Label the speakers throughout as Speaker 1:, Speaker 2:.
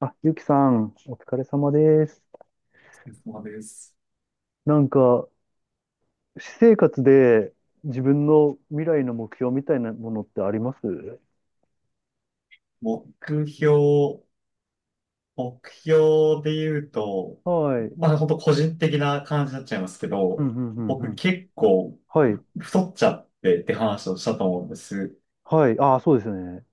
Speaker 1: あ、ゆうきさん、お疲れ様です。
Speaker 2: そうです。
Speaker 1: なんか、私生活で自分の未来の目標みたいなものってあります？
Speaker 2: 目標、目標で言うと、
Speaker 1: はい。
Speaker 2: まあ本当個人的な感じになっちゃいますけ
Speaker 1: うん、
Speaker 2: ど、
Speaker 1: うん、うん、う
Speaker 2: 僕
Speaker 1: ん。
Speaker 2: 結構
Speaker 1: はい。
Speaker 2: 太っちゃってって話をしたと思うんです。
Speaker 1: はい。ああ、そうですね。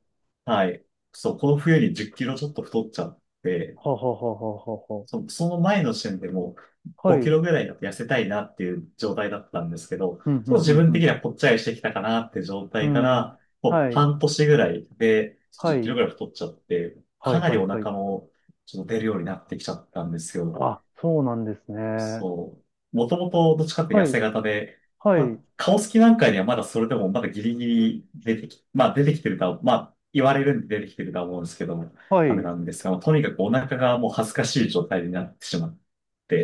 Speaker 2: はい。そう、この冬に10キロちょっと太っちゃって、
Speaker 1: はあはあはあはあは
Speaker 2: その前の時点でもう
Speaker 1: あ。はい。
Speaker 2: 5
Speaker 1: う
Speaker 2: キ
Speaker 1: ん、
Speaker 2: ロぐらいだと痩せたいなっていう状態だったんですけど、ちょ
Speaker 1: うん、
Speaker 2: っ
Speaker 1: う
Speaker 2: と
Speaker 1: ん、
Speaker 2: 自
Speaker 1: う
Speaker 2: 分的
Speaker 1: ん。
Speaker 2: にはぽっちゃりしてきたかなって状
Speaker 1: う
Speaker 2: 態か
Speaker 1: ん。
Speaker 2: ら、もう
Speaker 1: はい。
Speaker 2: 半年ぐらいで
Speaker 1: は
Speaker 2: 10キ
Speaker 1: い。
Speaker 2: ロぐらい太っちゃって、
Speaker 1: は
Speaker 2: か
Speaker 1: い、
Speaker 2: な
Speaker 1: は
Speaker 2: り
Speaker 1: い、
Speaker 2: お
Speaker 1: はい。
Speaker 2: 腹もちょっと出るようになってきちゃったんですよ。
Speaker 1: あ、そうなんですね。
Speaker 2: そう。もともとどっちかって
Speaker 1: は
Speaker 2: 痩せ
Speaker 1: い。
Speaker 2: 型で、
Speaker 1: は
Speaker 2: まあ、
Speaker 1: い。
Speaker 2: 顔つきなんかにはまだそれでもまだギリギリ出てき、まあ出てきてるとは、まあ言われるんで出てきてるとは思うんですけども、
Speaker 1: は
Speaker 2: あれ
Speaker 1: い。
Speaker 2: なんですが、まあとにかくお腹がもう恥ずかしい状態になってしまっ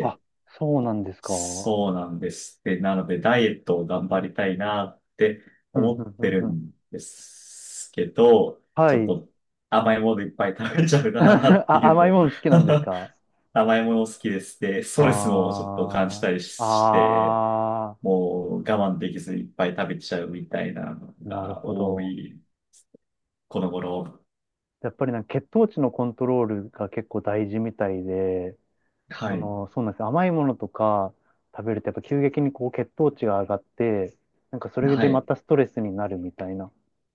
Speaker 1: あ、そうなんですか。うん、
Speaker 2: そうなんです。で、なのでダイエットを頑張りたいなって
Speaker 1: うん、
Speaker 2: 思っ
Speaker 1: う
Speaker 2: て
Speaker 1: ん、う
Speaker 2: る
Speaker 1: ん。
Speaker 2: んですけど、
Speaker 1: は
Speaker 2: ちょっ
Speaker 1: い。
Speaker 2: と甘いものいっぱい食べちゃう なって
Speaker 1: あ、
Speaker 2: いうの
Speaker 1: 甘い
Speaker 2: も
Speaker 1: もの好きなんですか？
Speaker 2: 甘いもの好きです。で、ストレスもちょっと感じ
Speaker 1: あ
Speaker 2: たり
Speaker 1: あ、
Speaker 2: して、
Speaker 1: あ
Speaker 2: もう我慢できずいっぱい食べちゃうみたいなの
Speaker 1: あ、なる
Speaker 2: が
Speaker 1: ほ
Speaker 2: 多
Speaker 1: ど。
Speaker 2: い、この頃。
Speaker 1: やっぱり血糖値のコントロールが結構大事みたいで、
Speaker 2: は
Speaker 1: そ
Speaker 2: い。
Speaker 1: の、そうなんですよ。甘いものとか食べるとやっぱ急激にこう血糖値が上がって、それ
Speaker 2: は
Speaker 1: でま
Speaker 2: い。
Speaker 1: たストレスになるみたいな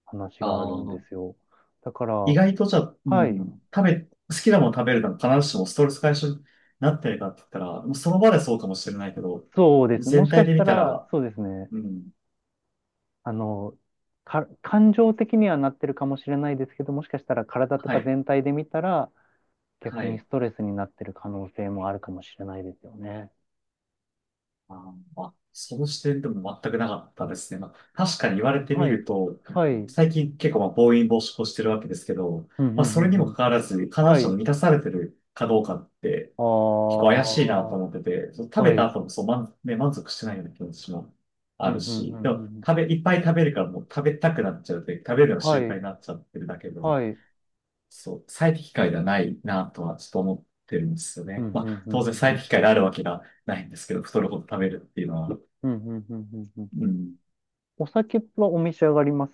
Speaker 1: 話
Speaker 2: あ
Speaker 1: があるんです
Speaker 2: ー
Speaker 1: よ。だから、
Speaker 2: 意外とじゃあ、う
Speaker 1: はい、
Speaker 2: ん、食べ、好きなもの食べるのが必ずしもストレス解消になってるかって言ったら、もうその場でそうかもしれないけど、
Speaker 1: そうですね。も
Speaker 2: 全
Speaker 1: しか
Speaker 2: 体
Speaker 1: し
Speaker 2: で
Speaker 1: た
Speaker 2: 見た
Speaker 1: ら、
Speaker 2: ら、
Speaker 1: そうですね。
Speaker 2: うん、
Speaker 1: あの、感情的にはなってるかもしれないですけど、もしかしたら体と
Speaker 2: は
Speaker 1: か
Speaker 2: い、
Speaker 1: 全体で見たら、
Speaker 2: は
Speaker 1: 逆に
Speaker 2: い。
Speaker 1: ストレスになってる可能性もあるかもしれないですよね。
Speaker 2: ああ、その視点でも全くなかったですね。まあ、確かに言われてみ
Speaker 1: はい。
Speaker 2: ると、
Speaker 1: はい。うん
Speaker 2: 最近結構まあ暴飲暴食をしてるわけですけど、
Speaker 1: うんう
Speaker 2: まあ、それ
Speaker 1: ん
Speaker 2: に
Speaker 1: う
Speaker 2: もか
Speaker 1: ん。
Speaker 2: かわらず、必
Speaker 1: は
Speaker 2: ずしも
Speaker 1: い。
Speaker 2: 満たされてるかどうかって
Speaker 1: あ
Speaker 2: 結構怪しいな
Speaker 1: あ。
Speaker 2: と思ってて、その食
Speaker 1: は
Speaker 2: べ
Speaker 1: い。う
Speaker 2: た
Speaker 1: ん
Speaker 2: 後もそう満、ね、満足してないような気持ちも
Speaker 1: う
Speaker 2: あ
Speaker 1: ん
Speaker 2: る
Speaker 1: うんう
Speaker 2: し、で
Speaker 1: んう
Speaker 2: も食
Speaker 1: ん。
Speaker 2: べ、いっぱい食べるからもう食べたくなっちゃうって食べるのが
Speaker 1: は
Speaker 2: 習慣
Speaker 1: い。
Speaker 2: になっちゃってるだけで、
Speaker 1: はい。
Speaker 2: そう、最適解ではないなとはちょっと思ってるんですよ
Speaker 1: うん
Speaker 2: ね。ま
Speaker 1: うん
Speaker 2: あ、
Speaker 1: う
Speaker 2: 当
Speaker 1: んう
Speaker 2: 然
Speaker 1: んう
Speaker 2: 最
Speaker 1: ん。
Speaker 2: 適解であるわけがないんですけど、太るほど食べるっていうのは。
Speaker 1: うんうんうんうんうんう
Speaker 2: う
Speaker 1: ん。
Speaker 2: ん。
Speaker 1: お酒はお召し上がります？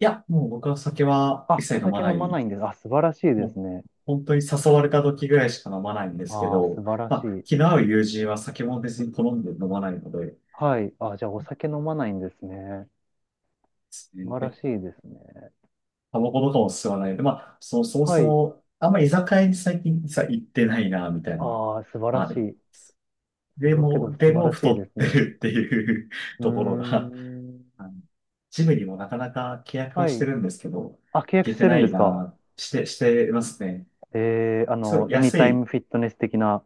Speaker 2: いや、もう僕は酒は一
Speaker 1: あ、お
Speaker 2: 切飲ま
Speaker 1: 酒
Speaker 2: な
Speaker 1: 飲まな
Speaker 2: い。
Speaker 1: いんです。あ、素晴らしいで
Speaker 2: も
Speaker 1: す
Speaker 2: う
Speaker 1: ね。
Speaker 2: 本当に誘われた時ぐらいしか飲まないんですけ
Speaker 1: ああ、素
Speaker 2: ど、
Speaker 1: 晴ら
Speaker 2: ま
Speaker 1: し
Speaker 2: あ、
Speaker 1: い。
Speaker 2: 気の合う友人は酒も別に好んで飲まないので、で
Speaker 1: はい。あ、じゃあお酒飲まないんですね。
Speaker 2: すね
Speaker 1: 素晴ら
Speaker 2: で
Speaker 1: しいですね。
Speaker 2: タバコとかも吸わないので、まあ、そも
Speaker 1: は
Speaker 2: そ
Speaker 1: い。
Speaker 2: も、あんま居酒屋に最近さ、行ってないな、みたいな、
Speaker 1: ああ、素晴ら
Speaker 2: あ
Speaker 1: し
Speaker 2: る。
Speaker 1: い。それはけど
Speaker 2: で
Speaker 1: 素晴
Speaker 2: も
Speaker 1: らしい
Speaker 2: 太
Speaker 1: で
Speaker 2: っ
Speaker 1: す
Speaker 2: て
Speaker 1: ね。
Speaker 2: るっていう
Speaker 1: うー
Speaker 2: ところが、
Speaker 1: ん。
Speaker 2: あのジムにもなかなか契約
Speaker 1: は
Speaker 2: はして
Speaker 1: い。
Speaker 2: るんですけど、行
Speaker 1: あ、契約
Speaker 2: け
Speaker 1: し
Speaker 2: て
Speaker 1: てる
Speaker 2: な
Speaker 1: んで
Speaker 2: い
Speaker 1: すか？
Speaker 2: な、してますね。
Speaker 1: えー、
Speaker 2: そう、
Speaker 1: エニ
Speaker 2: 安
Speaker 1: タイ
Speaker 2: い
Speaker 1: ムフィットネス的な、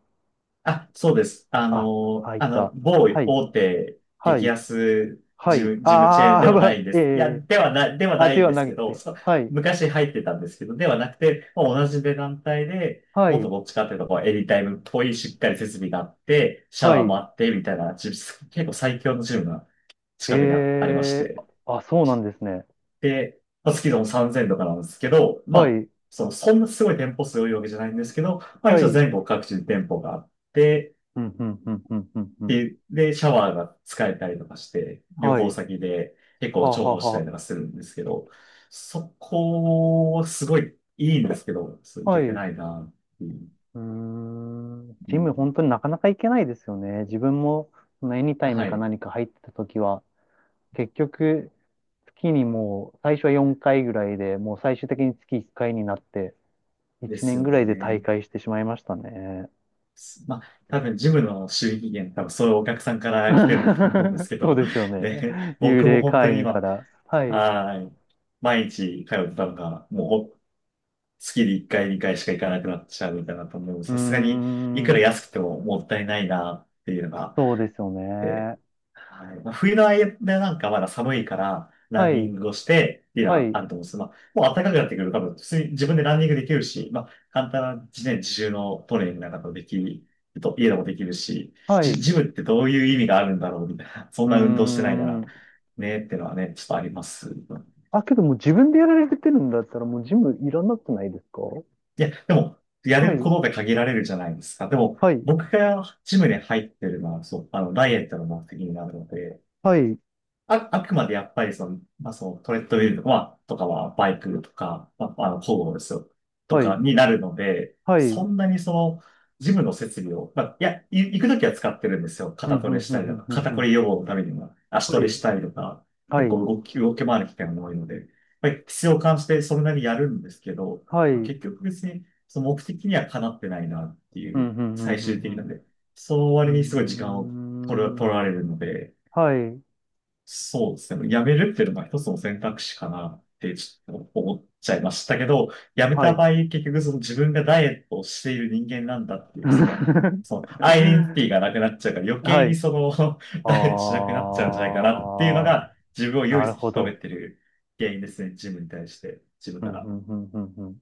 Speaker 2: あ、そうです。あ
Speaker 1: あ、
Speaker 2: の、
Speaker 1: あ、い
Speaker 2: あの、
Speaker 1: た。
Speaker 2: 某
Speaker 1: はい。
Speaker 2: 大手
Speaker 1: は
Speaker 2: 激
Speaker 1: い。
Speaker 2: 安
Speaker 1: は
Speaker 2: ジ
Speaker 1: い。
Speaker 2: ム、ジムチェーン
Speaker 1: あ
Speaker 2: で
Speaker 1: ー、
Speaker 2: は
Speaker 1: ま
Speaker 2: な
Speaker 1: あ、
Speaker 2: いんで
Speaker 1: え
Speaker 2: す。いや、
Speaker 1: え、
Speaker 2: では
Speaker 1: あ、
Speaker 2: ない
Speaker 1: で
Speaker 2: ん
Speaker 1: は
Speaker 2: です
Speaker 1: な
Speaker 2: け
Speaker 1: く
Speaker 2: ど、
Speaker 1: て。
Speaker 2: そう
Speaker 1: はい。
Speaker 2: 昔入ってたんですけど、ではなくて、まあ、同じ値段帯で、
Speaker 1: は
Speaker 2: もっと
Speaker 1: い。
Speaker 2: どっちかっていうと、こうエリタイムっぽいしっかり設備があって、シャ
Speaker 1: は
Speaker 2: ワーも
Speaker 1: い。
Speaker 2: あって、みたいな、ジム結構最強のジムが近くにありまし
Speaker 1: ええ、
Speaker 2: て。
Speaker 1: あ、あ、そうなんですね。
Speaker 2: で、まあ、月でも3000とかなんですけど、ま
Speaker 1: は
Speaker 2: あ、
Speaker 1: い。
Speaker 2: そんなすごい店舗数多いわけじゃないんですけど、まあ
Speaker 1: は
Speaker 2: 一応
Speaker 1: い。
Speaker 2: 全国各地に店舗があって、
Speaker 1: うん、うん、うん、うん、うん、うん。
Speaker 2: で、シャワーが使えたりとかして、旅
Speaker 1: は
Speaker 2: 行
Speaker 1: い。
Speaker 2: 先で結構
Speaker 1: はあ
Speaker 2: 重
Speaker 1: はあ
Speaker 2: 宝したり
Speaker 1: は
Speaker 2: とかするんですけど、そこはすごいいいんですけど、そうい
Speaker 1: あ。は
Speaker 2: け
Speaker 1: い。
Speaker 2: て
Speaker 1: う
Speaker 2: ないなっていう。
Speaker 1: ーん。
Speaker 2: う
Speaker 1: ジム、本
Speaker 2: ん、
Speaker 1: 当になかなか行けないですよね。自分も、そのエニタイ
Speaker 2: は
Speaker 1: ムか
Speaker 2: い。
Speaker 1: 何か入ってた時は、結局、月にもう最初は4回ぐらいで、もう最終的に月1回になって、
Speaker 2: で
Speaker 1: 1
Speaker 2: す
Speaker 1: 年
Speaker 2: よ
Speaker 1: ぐらいで退
Speaker 2: ね。
Speaker 1: 会してしまいましたね。
Speaker 2: まあ、多分ジムの収益源、多分そういうお客さんから来てるんだと思うんです け
Speaker 1: そう
Speaker 2: ど、
Speaker 1: ですよね。
Speaker 2: で、
Speaker 1: 幽
Speaker 2: 僕も
Speaker 1: 霊
Speaker 2: 本当
Speaker 1: 会
Speaker 2: に
Speaker 1: 員か
Speaker 2: 今、
Speaker 1: ら。はい。う
Speaker 2: はい。毎日通ってたのが、月に1回、2回しか行かなくなっちゃうみたいなと思う。
Speaker 1: ー
Speaker 2: さすがに、いくら
Speaker 1: ん。
Speaker 2: 安くてももったいないなっていうのがあっ
Speaker 1: そうですよ
Speaker 2: て、
Speaker 1: ね。
Speaker 2: はい。まあ、冬の間なんかまだ寒いから、ラ
Speaker 1: は
Speaker 2: ンニ
Speaker 1: い。
Speaker 2: ングをして、っていうの
Speaker 1: は
Speaker 2: は
Speaker 1: い。
Speaker 2: あると思うんですけど、まあ、もう暖かくなってくると多分、普通に自分でランニングできるし、まあ、簡単な自然自重のトレーニングなんかもできる。と、家でもできるし、
Speaker 1: はい。
Speaker 2: ジムってどういう意味があるんだろうみたいな、そん
Speaker 1: う
Speaker 2: な運動してないな
Speaker 1: ー
Speaker 2: ら、
Speaker 1: ん。
Speaker 2: ねってのはね、ちょっとあります。
Speaker 1: あ、けどもう自分でやられてるんだったらもうジムいらなくないですか？
Speaker 2: いや、でも、やれ
Speaker 1: は
Speaker 2: るこ
Speaker 1: い。
Speaker 2: とで限られるじゃないですか。でも、
Speaker 1: はい。
Speaker 2: 僕がジムに入ってるのは、そう、あの、ダイエットの目的になるので、
Speaker 1: はい。
Speaker 2: あくまでやっぱりその、まあ、そのトレッドミルとかは、とかはバイクとか、まあ、あの、工具ですよ。と
Speaker 1: は
Speaker 2: か
Speaker 1: い。
Speaker 2: になるので、
Speaker 1: はい。う
Speaker 2: そ
Speaker 1: ん、
Speaker 2: んなにその、ジムの設備を、まあ、いや、行くときは使ってるんですよ。
Speaker 1: うん、
Speaker 2: 肩
Speaker 1: う
Speaker 2: トレ
Speaker 1: ん、
Speaker 2: し
Speaker 1: う
Speaker 2: たりと
Speaker 1: ん、
Speaker 2: か、
Speaker 1: うん。
Speaker 2: 肩
Speaker 1: う
Speaker 2: こ
Speaker 1: ん。
Speaker 2: り予防のためにも、足
Speaker 1: は
Speaker 2: トレ
Speaker 1: い。
Speaker 2: したりとか、
Speaker 1: は
Speaker 2: 結
Speaker 1: い。
Speaker 2: 構動き回る機会も多いので、まあ、必要を感じてそれなりにやるんですけど、
Speaker 1: はい。う
Speaker 2: まあ、
Speaker 1: ん、
Speaker 2: 結局別に、その目的にはかなってないなって
Speaker 1: う
Speaker 2: い
Speaker 1: ん、
Speaker 2: う、
Speaker 1: うん、う
Speaker 2: 最終的な
Speaker 1: ん。
Speaker 2: んで、その
Speaker 1: う
Speaker 2: 割にすごい時間を
Speaker 1: ん。うーん。
Speaker 2: 取られるので、
Speaker 1: はい。
Speaker 2: そうですね。辞めるっていうのが一つの選択肢かなってちょっと思っちゃいましたけど、辞め
Speaker 1: は
Speaker 2: た
Speaker 1: い。
Speaker 2: 場合、結局その自分がダイエットをしている人間なんだっていう、その、そのアイデンティティがなくなっちゃうから余計
Speaker 1: は
Speaker 2: に
Speaker 1: い。
Speaker 2: その
Speaker 1: あ
Speaker 2: ダイエットしなくなっちゃうんじゃないかなっていうの
Speaker 1: あ、
Speaker 2: が自分を
Speaker 1: な
Speaker 2: 唯一
Speaker 1: る
Speaker 2: 引
Speaker 1: ほ
Speaker 2: き止め
Speaker 1: ど。
Speaker 2: てる原因ですね。自分に対して、自分
Speaker 1: うん、
Speaker 2: か
Speaker 1: う
Speaker 2: ら。
Speaker 1: ん、うん、うん、うん。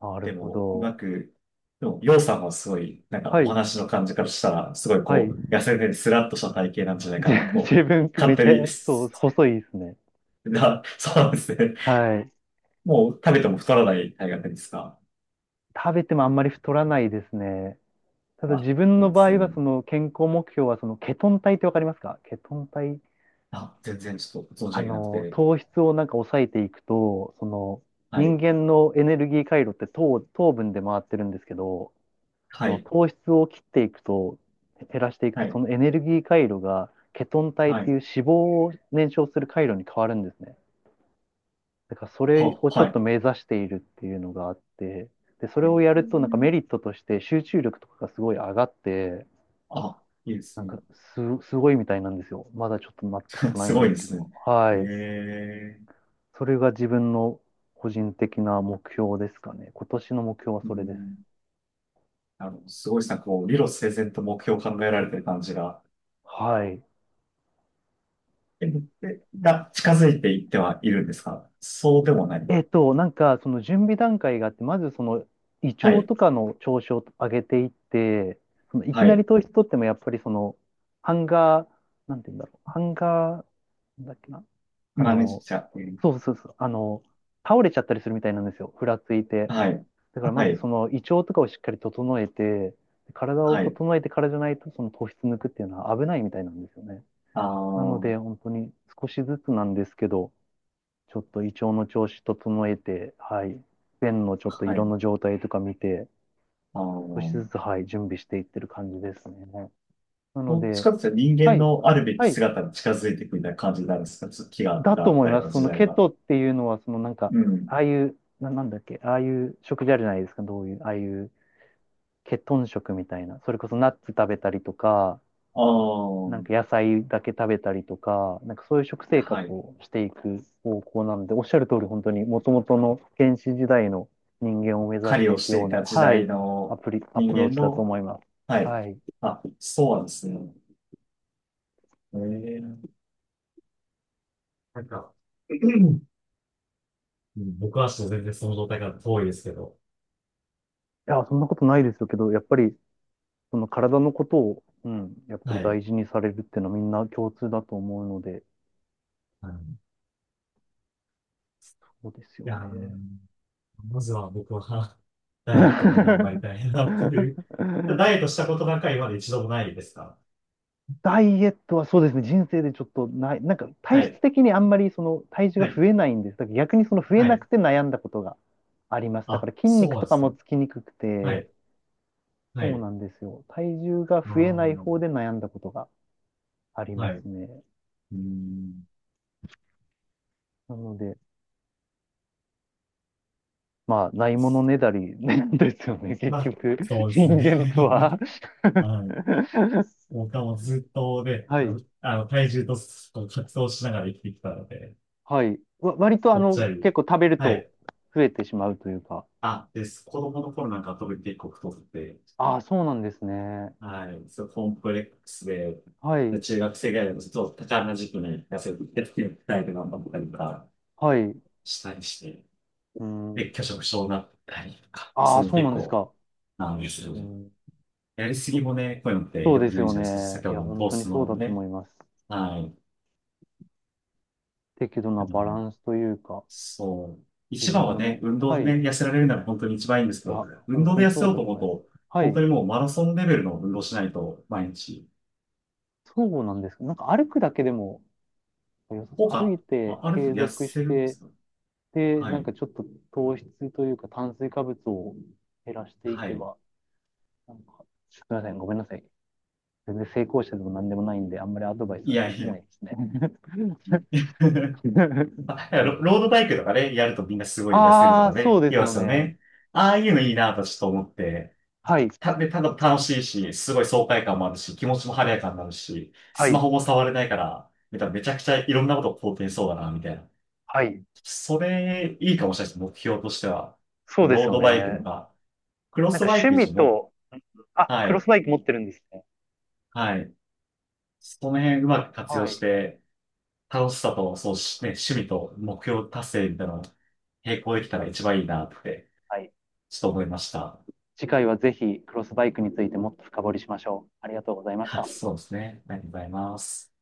Speaker 1: なる
Speaker 2: で
Speaker 1: ほ
Speaker 2: も、うま
Speaker 1: ど。
Speaker 2: く、でも、ようさんはすごい、なんか
Speaker 1: は
Speaker 2: お
Speaker 1: い。
Speaker 2: 話の感じからしたら、すごい
Speaker 1: はい。
Speaker 2: こう、痩せてスラッとした体型なんじゃない
Speaker 1: じ
Speaker 2: かな と、
Speaker 1: 自分、め
Speaker 2: 勝手
Speaker 1: ち
Speaker 2: に
Speaker 1: ゃ、そう、細いですね。
Speaker 2: が、そうなんですね。
Speaker 1: はい。
Speaker 2: もう食べても太らない大河ですか。
Speaker 1: 食べてもあんまり太らないですね。ただ
Speaker 2: まあ、
Speaker 1: 自分
Speaker 2: いい
Speaker 1: の
Speaker 2: で
Speaker 1: 場合
Speaker 2: す
Speaker 1: は、
Speaker 2: ね。
Speaker 1: その健康目標は、そのケトン体ってわかりますか？ケトン体。
Speaker 2: あ、全然ちょっと存じ
Speaker 1: あ
Speaker 2: 上げなく
Speaker 1: の、
Speaker 2: て。
Speaker 1: 糖質を抑えていくと、その、
Speaker 2: は
Speaker 1: 人
Speaker 2: い、
Speaker 1: 間のエネルギー回路って糖分で回ってるんですけど、そ
Speaker 2: は
Speaker 1: の
Speaker 2: い、
Speaker 1: 糖質を切っていくと、減らしていく
Speaker 2: は
Speaker 1: と、そ
Speaker 2: い、
Speaker 1: のエネルギー回路がケトン体っ
Speaker 2: は
Speaker 1: て
Speaker 2: い、
Speaker 1: いう脂肪を燃焼する回路に変わるんですね。だからそれをちょっと
Speaker 2: は
Speaker 1: 目指しているっていうのがあって、で、そ
Speaker 2: い。
Speaker 1: れをやるとメリットとして集中力とかがすごい上がって、
Speaker 2: あ、いいで
Speaker 1: な
Speaker 2: す
Speaker 1: ん
Speaker 2: ね。
Speaker 1: かすごいみたいなんですよ。まだちょっとなったこ とない
Speaker 2: す
Speaker 1: んで
Speaker 2: ごい
Speaker 1: す
Speaker 2: で
Speaker 1: け
Speaker 2: すね。
Speaker 1: ど。は
Speaker 2: え
Speaker 1: い。
Speaker 2: え
Speaker 1: それが自分の個人的な目標ですかね。今年の目標は
Speaker 2: う
Speaker 1: それです。
Speaker 2: ん。あの、すごいですね。こう、理路整然と目標を考えられてる感じが、
Speaker 1: はい。
Speaker 2: え、えが近づいていってはいるんですか、そうでもないの。
Speaker 1: その準備段階があって、まずその胃
Speaker 2: は
Speaker 1: 腸
Speaker 2: い、
Speaker 1: とかの調子を上げていって、そのいき
Speaker 2: は
Speaker 1: なり
Speaker 2: い。
Speaker 1: 糖質取ってもやっぱりその、ハンガー、なんて言うんだろう、ハンガー、なんだっけな、あ
Speaker 2: マネージ
Speaker 1: の、
Speaker 2: ャー。うん
Speaker 1: そうそうそう、あの、倒れちゃったりするみたいなんですよ、ふらついて。
Speaker 2: はい、
Speaker 1: だからま
Speaker 2: は
Speaker 1: ず
Speaker 2: い、
Speaker 1: その胃腸とかをしっかり整えて、体を
Speaker 2: はい。
Speaker 1: 整えてからじゃないとその糖質抜くっていうのは危ないみたいなんですよね。
Speaker 2: あ
Speaker 1: なの
Speaker 2: あ、
Speaker 1: で本当に少しずつなんですけど、ちょっと胃腸の調子整えて、はい、便のちょっと
Speaker 2: は
Speaker 1: 色
Speaker 2: い。
Speaker 1: の状態とか見て、
Speaker 2: あ
Speaker 1: 少し
Speaker 2: の、
Speaker 1: ずつ、はい、準備していってる感じですね。なの
Speaker 2: どっち
Speaker 1: で、
Speaker 2: かっていうと人
Speaker 1: は
Speaker 2: 間
Speaker 1: い、
Speaker 2: のあるべき
Speaker 1: はい、
Speaker 2: 姿に近づいていくみたいな感じになるんですか、気があった
Speaker 1: だと思いま
Speaker 2: よう
Speaker 1: す。
Speaker 2: な
Speaker 1: そ
Speaker 2: 時
Speaker 1: の
Speaker 2: 代
Speaker 1: ケ
Speaker 2: は。
Speaker 1: トっていうのは、そのなんか、
Speaker 2: うん。
Speaker 1: ああいう、なんだっけ、ああいう食事あるじゃないですか、どういう、ああいうケトン食みたいな、それこそナッツ食べたりとか、
Speaker 2: あ
Speaker 1: なんか
Speaker 2: あ、
Speaker 1: 野菜だけ食べたりとか、なんかそういう食生活
Speaker 2: はい。
Speaker 1: をしていく方向なので、おっしゃる通り本当に元々の原始時代の人間を目指
Speaker 2: 狩
Speaker 1: し
Speaker 2: り
Speaker 1: て
Speaker 2: を
Speaker 1: いく
Speaker 2: して
Speaker 1: よう
Speaker 2: い
Speaker 1: な、
Speaker 2: た時
Speaker 1: は
Speaker 2: 代
Speaker 1: い、
Speaker 2: の
Speaker 1: ア
Speaker 2: 人
Speaker 1: プロー
Speaker 2: 間
Speaker 1: チだと
Speaker 2: の、
Speaker 1: 思います。
Speaker 2: はい。
Speaker 1: はい。い
Speaker 2: あ、そうなんですね。ええなんか、うん僕はちょっと全然その状態から遠いですけど、
Speaker 1: や、そんなことないですけど、やっぱりその体のことを、うん、やっぱり
Speaker 2: はい。
Speaker 1: 大事にされるっていうのはみんな共通だと思うので、
Speaker 2: あのい
Speaker 1: そうですよ
Speaker 2: や
Speaker 1: ね。
Speaker 2: ー、まずは僕は ダイエットで頑張りた いなっていう。ダイエットしたことなんか今まで一度もないですか。
Speaker 1: ダイエットはそうですね、人生でちょっとない、なんか
Speaker 2: は
Speaker 1: 体質
Speaker 2: い。
Speaker 1: 的にあんまりその体重が
Speaker 2: はい
Speaker 1: 増えないんです。だから逆にその増え
Speaker 2: は
Speaker 1: な
Speaker 2: い。
Speaker 1: くて悩んだことがあります。だか
Speaker 2: あ、
Speaker 1: ら筋
Speaker 2: そう
Speaker 1: 肉
Speaker 2: な
Speaker 1: と
Speaker 2: んで
Speaker 1: か
Speaker 2: す
Speaker 1: も
Speaker 2: ね。
Speaker 1: つきにくく
Speaker 2: は
Speaker 1: て、
Speaker 2: い。は
Speaker 1: そう
Speaker 2: い。
Speaker 1: なんですよ。体重が
Speaker 2: あ
Speaker 1: 増え
Speaker 2: あ、
Speaker 1: ない方で悩んだことがあり
Speaker 2: は
Speaker 1: ま
Speaker 2: い。う
Speaker 1: すね。
Speaker 2: ーん。
Speaker 1: なので、まあ、ないものねだりね ですよね、結
Speaker 2: まあ、
Speaker 1: 局、
Speaker 2: そうで
Speaker 1: 人
Speaker 2: すね。
Speaker 1: 間と は
Speaker 2: はい。僕はもうずっとね、
Speaker 1: はい、
Speaker 2: あの、体重とこう格闘しながら生きてきたので、
Speaker 1: はい。割と
Speaker 2: ぽっちゃ
Speaker 1: 結
Speaker 2: り。
Speaker 1: 構食べる
Speaker 2: は
Speaker 1: と
Speaker 2: い。
Speaker 1: 増えてしまうというか、
Speaker 2: あ、です。子供の頃なんか特に結構太って、
Speaker 1: ああ、そうなんですね。
Speaker 2: はい。そう、コンプレックスで、
Speaker 1: は
Speaker 2: で
Speaker 1: い、
Speaker 2: 中学生ぐらいのちょっと高な時期に痩せてって、タイプ頑張ったりとか
Speaker 1: はい。
Speaker 2: したりして、
Speaker 1: うん。
Speaker 2: で、拒食症になったりとか、
Speaker 1: あ
Speaker 2: そう
Speaker 1: あ、
Speaker 2: いうの
Speaker 1: そう
Speaker 2: 結
Speaker 1: なんです
Speaker 2: 構、
Speaker 1: か。
Speaker 2: なんですよ
Speaker 1: う
Speaker 2: ね。
Speaker 1: ん。
Speaker 2: やりすぎもね、こういうのって
Speaker 1: そう
Speaker 2: 良
Speaker 1: で
Speaker 2: く
Speaker 1: す
Speaker 2: ないん
Speaker 1: よ
Speaker 2: じゃないですか。
Speaker 1: ね。
Speaker 2: 先
Speaker 1: い
Speaker 2: ほ
Speaker 1: や、
Speaker 2: どの
Speaker 1: 本
Speaker 2: 糖
Speaker 1: 当に
Speaker 2: 質
Speaker 1: そう
Speaker 2: の
Speaker 1: だと思
Speaker 2: ね、
Speaker 1: います。
Speaker 2: はい。
Speaker 1: 適度な
Speaker 2: あ
Speaker 1: バラ
Speaker 2: の、
Speaker 1: ンスというか、
Speaker 2: そう。
Speaker 1: 自
Speaker 2: 一番
Speaker 1: 分
Speaker 2: は
Speaker 1: の
Speaker 2: ね、
Speaker 1: 目、
Speaker 2: 運
Speaker 1: は
Speaker 2: 動
Speaker 1: い。い
Speaker 2: でね、痩せられるなら本当に一番いいんですけど、
Speaker 1: や、
Speaker 2: 運
Speaker 1: 本
Speaker 2: 動
Speaker 1: 当
Speaker 2: で
Speaker 1: に
Speaker 2: 痩せ
Speaker 1: そう
Speaker 2: よう
Speaker 1: だ
Speaker 2: と
Speaker 1: と
Speaker 2: 思う
Speaker 1: 思います。
Speaker 2: と、
Speaker 1: は
Speaker 2: 本当
Speaker 1: い。
Speaker 2: にもうマラソンレベルの運動しないと、毎日。
Speaker 1: そうなんですか。なんか歩くだけでも良さそ
Speaker 2: 効
Speaker 1: う、歩い
Speaker 2: 果、
Speaker 1: て
Speaker 2: あある程
Speaker 1: 継
Speaker 2: 度痩
Speaker 1: 続し
Speaker 2: せるんで
Speaker 1: て、
Speaker 2: すか。
Speaker 1: で、
Speaker 2: は
Speaker 1: なん
Speaker 2: い。
Speaker 1: かちょっと糖質というか炭水化物を減らしてい
Speaker 2: は
Speaker 1: け
Speaker 2: い。
Speaker 1: ば、なんか、すみません、ごめんなさい。全然成功者でも何でもないんで、あんまりアドバイス
Speaker 2: い
Speaker 1: は
Speaker 2: や
Speaker 1: で
Speaker 2: い
Speaker 1: き
Speaker 2: や。
Speaker 1: ないですね。でも
Speaker 2: ロロードバイクとかね、やるとみんなすごい痩せると
Speaker 1: ああ、
Speaker 2: か
Speaker 1: そう
Speaker 2: ね、
Speaker 1: で
Speaker 2: 言い
Speaker 1: す
Speaker 2: ま
Speaker 1: よ
Speaker 2: すよ
Speaker 1: ね。
Speaker 2: ね。ああいうのいいなとちょっと思って、
Speaker 1: はい、
Speaker 2: で、ただ楽しいし、すごい爽快感もあるし、気持ちも晴れやかになるし、
Speaker 1: は
Speaker 2: スマ
Speaker 1: い、
Speaker 2: ホも触れないから、めちゃくちゃいろんなことを肯定しそうだな、みたいな。
Speaker 1: はい。
Speaker 2: それ、いいかもしれないです。目標としては。
Speaker 1: そうです
Speaker 2: ロー
Speaker 1: よ
Speaker 2: ドバイクと
Speaker 1: ね。
Speaker 2: か、クロ
Speaker 1: なん
Speaker 2: ス
Speaker 1: か
Speaker 2: バイク
Speaker 1: 趣
Speaker 2: 一応
Speaker 1: 味
Speaker 2: も、
Speaker 1: と、あ、
Speaker 2: は
Speaker 1: クロス
Speaker 2: い、
Speaker 1: バイク持ってるんですね。
Speaker 2: はい。その辺うまく活用
Speaker 1: は
Speaker 2: し
Speaker 1: い。
Speaker 2: て、楽しさと、そうし、ね、趣味と目標達成みたいなのを並行できたら一番いいなって、
Speaker 1: はい。
Speaker 2: ちょっと思いました。
Speaker 1: 次回はぜひクロスバイクについてもっと深掘りしましょう。ありがとうございまし
Speaker 2: はい、
Speaker 1: た。
Speaker 2: そうですね。ありがとうございます。